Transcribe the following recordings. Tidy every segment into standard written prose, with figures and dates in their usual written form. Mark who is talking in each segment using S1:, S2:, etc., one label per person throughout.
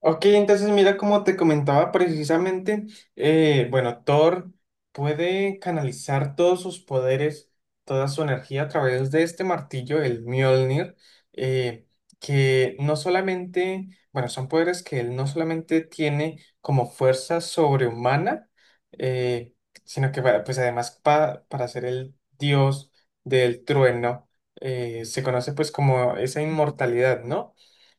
S1: Ok, entonces mira, como te comentaba precisamente, bueno, Thor puede canalizar todos sus poderes, toda su energía a través de este martillo, el Mjolnir. eh, que no solamente, bueno, son poderes que él no solamente tiene como fuerza sobrehumana, eh, sino que bueno, pues además para ser el dios del trueno. Se conoce pues como esa inmortalidad, ¿no?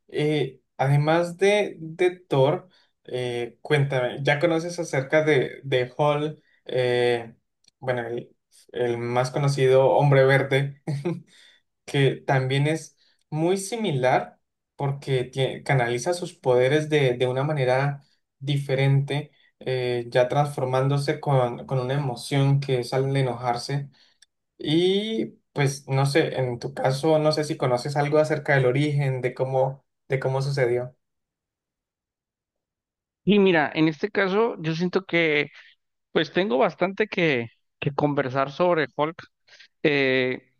S1: Además de Thor, cuéntame, ¿ya conoces acerca de Hall? Bueno, el más conocido hombre verde, que también es muy similar porque canaliza sus poderes de una manera diferente, ya transformándose con una emoción que es al enojarse. Y pues no sé, en tu caso, no sé si conoces algo acerca del origen, de cómo sucedió.
S2: Y mira, en este caso yo siento que pues tengo bastante que conversar sobre Hulk. Eh,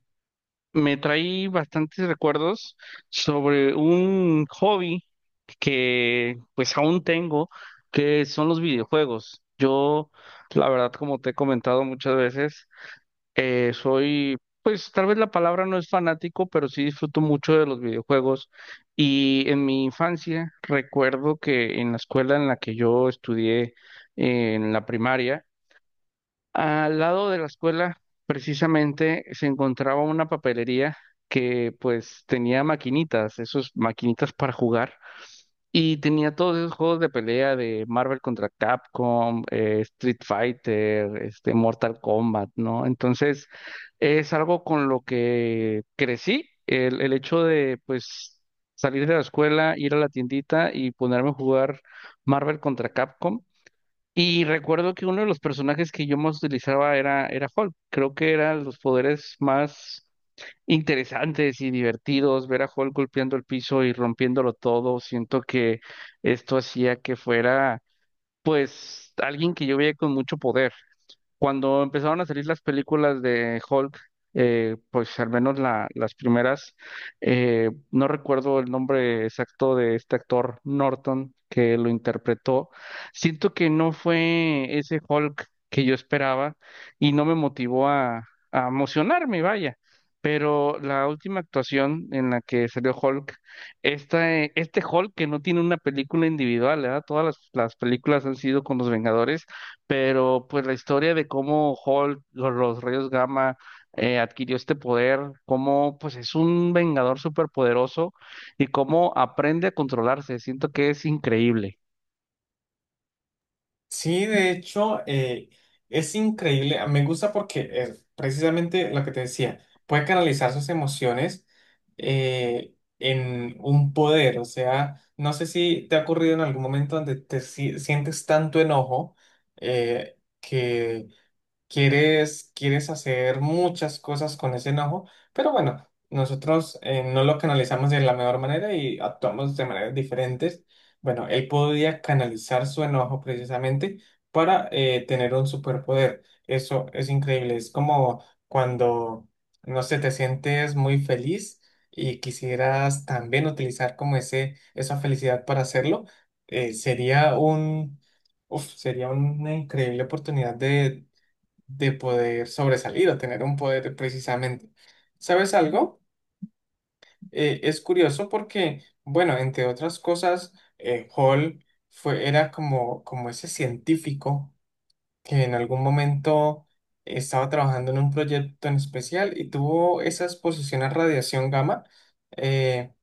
S2: Me trae bastantes recuerdos sobre un hobby que pues aún tengo, que son los videojuegos. Yo, la verdad, como te he comentado muchas veces, soy, pues tal vez la palabra no es fanático, pero sí disfruto mucho de los videojuegos. Y en mi infancia recuerdo que en la escuela en la que yo estudié, en la primaria, al lado de la escuela precisamente se encontraba una papelería que pues tenía maquinitas, esos maquinitas para jugar. Y tenía todos esos juegos de pelea de Marvel contra Capcom, Street Fighter, este, Mortal Kombat, ¿no? Entonces, es algo con lo que crecí, el hecho de, pues, salir de la escuela, ir a la tiendita y ponerme a jugar Marvel contra Capcom. Y recuerdo que uno de los personajes que yo más utilizaba era Hulk. Creo que eran los poderes más interesantes y divertidos, ver a Hulk golpeando el piso y rompiéndolo todo. Siento que esto hacía que fuera, pues, alguien que yo veía con mucho poder. Cuando empezaron a salir las películas de Hulk, pues al menos las primeras, no recuerdo el nombre exacto de este actor Norton que lo interpretó. Siento que no fue ese Hulk que yo esperaba y no me motivó a emocionarme, vaya. Pero la última actuación en la que salió Hulk, esta, este Hulk que no tiene una película individual, ¿verdad? Todas las películas han sido con los Vengadores, pero pues la historia de cómo Hulk, los rayos gamma, adquirió este poder, cómo pues es un vengador superpoderoso y cómo aprende a controlarse, siento que es increíble.
S1: Sí, de hecho, es increíble. Me gusta porque precisamente lo que te decía, puede canalizar sus emociones eh, en un poder. O sea, no sé si te ha ocurrido en algún momento donde te sientes tanto enojo que quieres hacer muchas cosas con ese enojo, pero bueno, nosotros no lo canalizamos de la mejor manera y actuamos de maneras diferentes. Bueno, él podía canalizar su enojo precisamente para tener un superpoder. Eso es increíble. Es como cuando, no sé, te sientes muy feliz y quisieras también utilizar como esa felicidad para hacerlo. Sería un... Uf, sería una increíble oportunidad de poder sobresalir o tener un poder precisamente. ¿Sabes algo? Es curioso porque, bueno, entre otras cosas, Hall fue, era como, como ese científico que en algún momento estaba trabajando en un proyecto en especial y tuvo esa exposición a radiación gamma. Eh,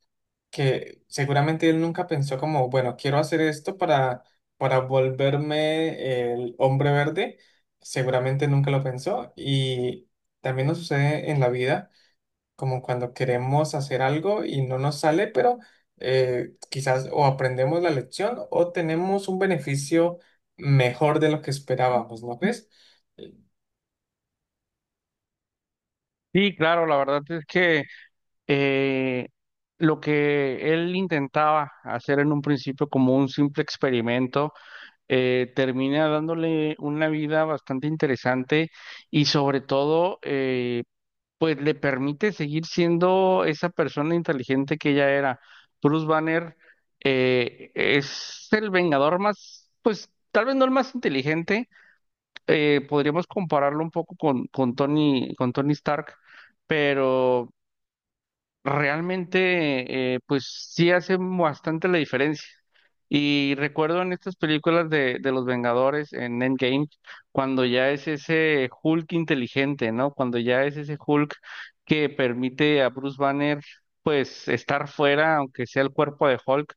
S1: que seguramente él nunca pensó como, bueno, quiero hacer esto para volverme el hombre verde, seguramente nunca lo pensó y también nos sucede en la vida, como cuando queremos hacer algo y no nos sale, pero quizás o aprendemos la lección o tenemos un beneficio mejor de lo que esperábamos, ¿no ves?
S2: Sí, claro, la verdad es que eh, lo que él intentaba hacer en un principio como un simple experimento, termina dándole una vida bastante interesante y sobre todo, pues le permite seguir siendo esa persona inteligente que ella era. Bruce Banner, es el Vengador más, pues tal vez no el más inteligente, podríamos compararlo un poco con, con Tony Stark, pero realmente, pues sí hace bastante la diferencia. Y recuerdo en estas películas de los Vengadores, en Endgame, cuando ya es ese Hulk inteligente, ¿no? Cuando ya es ese Hulk que permite a Bruce Banner, pues, estar fuera, aunque sea el cuerpo de Hulk.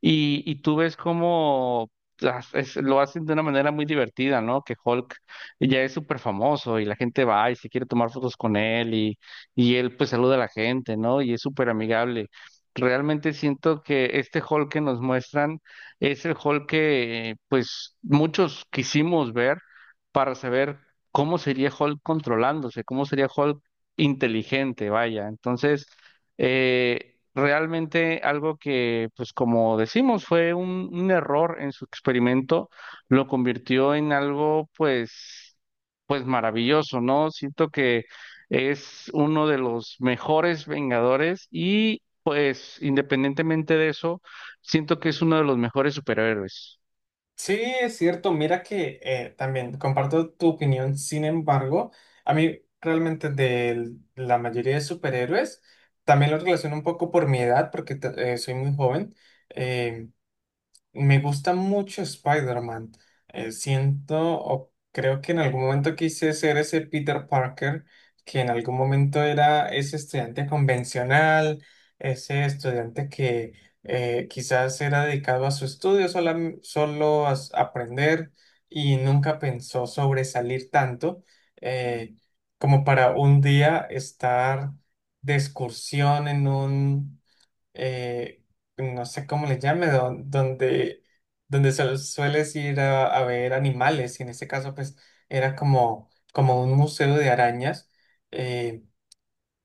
S2: Y tú ves cómo lo hacen de una manera muy divertida, ¿no? Que Hulk ya es súper famoso y la gente va y se quiere tomar fotos con él, y él pues saluda a la gente, ¿no? Y es súper amigable. Realmente siento que este Hulk que nos muestran es el Hulk que pues muchos quisimos ver para saber cómo sería Hulk controlándose, cómo sería Hulk inteligente, vaya. Entonces, realmente algo que pues como decimos fue un error en su experimento, lo convirtió en algo pues maravilloso, ¿no? Siento que es uno de los mejores Vengadores y pues independientemente de eso, siento que es uno de los mejores superhéroes.
S1: Sí, es cierto. Mira que también comparto tu opinión. Sin embargo, a mí realmente de la mayoría de superhéroes, también lo relaciono un poco por mi edad, porque soy muy joven. eh, Me gusta mucho Spider-Man. Siento o creo que en algún momento quise ser ese Peter Parker, que en algún momento era ese estudiante convencional, ese estudiante que quizás era dedicado a su estudio, solo a aprender y nunca pensó sobresalir tanto eh, como para un día estar de excursión en un eh, no sé cómo le llame, donde, donde sueles ir a ver animales, y en este caso pues era como, como un museo de arañas, eh,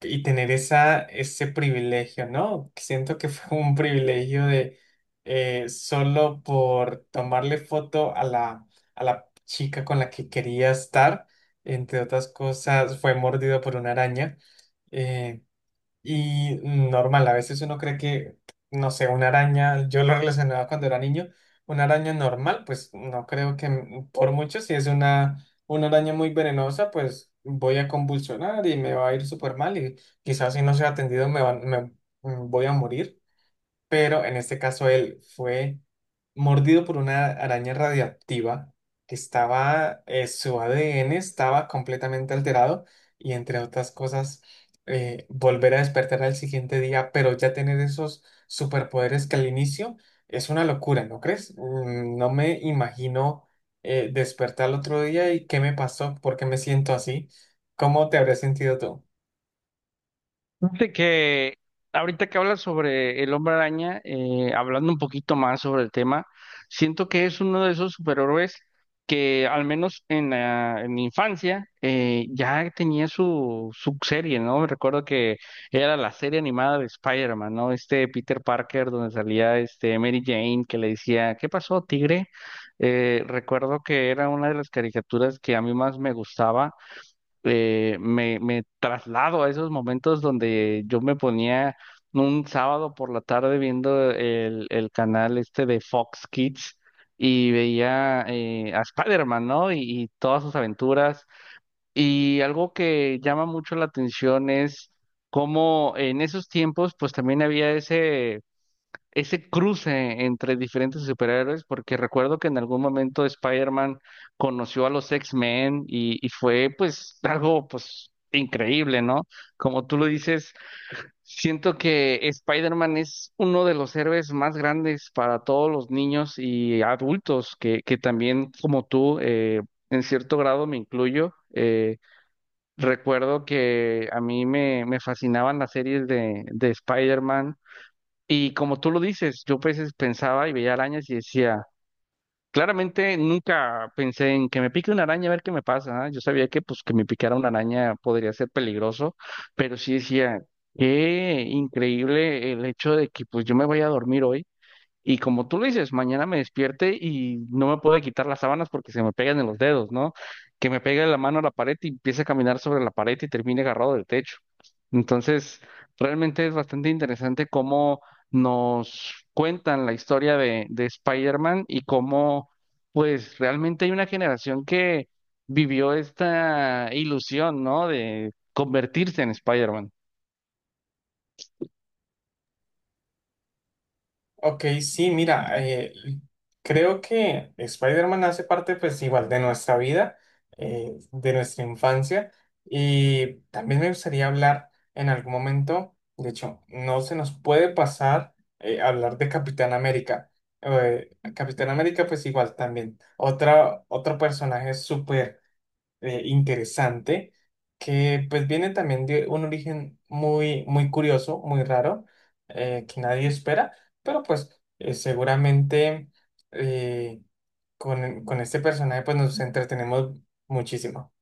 S1: y tener esa, ese privilegio, ¿no? Siento que fue un privilegio de solo por tomarle foto a la chica con la que quería estar, entre otras cosas, fue mordido por una araña. eh, normal, a veces uno cree que, no sé, una araña, yo lo relacionaba cuando era niño, una araña normal, pues no creo que por mucho, si es una araña muy venenosa, pues voy a convulsionar y me va a ir súper mal y quizás si no soy atendido me voy a morir. Pero en este caso él fue mordido por una araña radiactiva que estaba, su ADN estaba completamente alterado y entre otras cosas, volver a despertar al siguiente día, pero ya tener esos superpoderes que al inicio es una locura, ¿no crees? No me imagino despertar al otro día y qué me pasó, por qué me siento así, ¿cómo te habrías sentido tú?
S2: Fíjate que ahorita que hablas sobre el Hombre Araña, hablando un poquito más sobre el tema, siento que es uno de esos superhéroes que al menos en mi infancia ya tenía su serie, ¿no? Me recuerdo que era la serie animada de Spider-Man, ¿no? Este Peter Parker donde salía este Mary Jane que le decía, ¿qué pasó, tigre? Recuerdo que era una de las caricaturas que a mí más me gustaba, me traslado a esos momentos donde yo me ponía un sábado por la tarde viendo el canal este de Fox Kids y veía, a Spider-Man, ¿no? Y todas sus aventuras. Y algo que llama mucho la atención es cómo en esos tiempos, pues también había ese cruce entre diferentes superhéroes, porque recuerdo que en algún momento Spider-Man conoció a los X-Men y fue pues algo pues increíble, ¿no? Como tú lo dices, siento que Spider-Man es uno de los héroes más grandes para todos los niños y adultos que también como tú, en cierto grado me incluyo. Recuerdo que a me fascinaban las series de Spider-Man, y como tú lo dices, yo a veces pensaba y veía arañas y decía, claramente nunca pensé en que me pique una araña a ver qué me pasa. ¿Ah? Yo sabía que pues que me picara una araña podría ser peligroso, pero sí decía, qué increíble el hecho de que pues yo me vaya a dormir hoy. Y como tú lo dices, mañana me despierte y no me puedo quitar las sábanas porque se me pegan en los dedos, ¿no? Que me pegue la mano a la pared y empiece a caminar sobre la pared y termine agarrado del techo. Entonces, realmente es bastante interesante cómo nos cuentan la historia de Spider-Man y cómo, pues, realmente hay una generación que vivió esta ilusión, ¿no? De convertirse en Spider-Man.
S1: Ok, sí, mira, creo que Spider-Man hace parte pues igual de nuestra vida, de nuestra infancia y también me gustaría hablar en algún momento, de hecho, no se nos puede pasar hablar de Capitán América. Capitán América pues igual también, otra, otro personaje súper interesante que pues viene también de un origen muy, muy curioso, muy raro, que nadie espera, pero pues seguramente eh, con este personaje pues nos entretenemos muchísimo.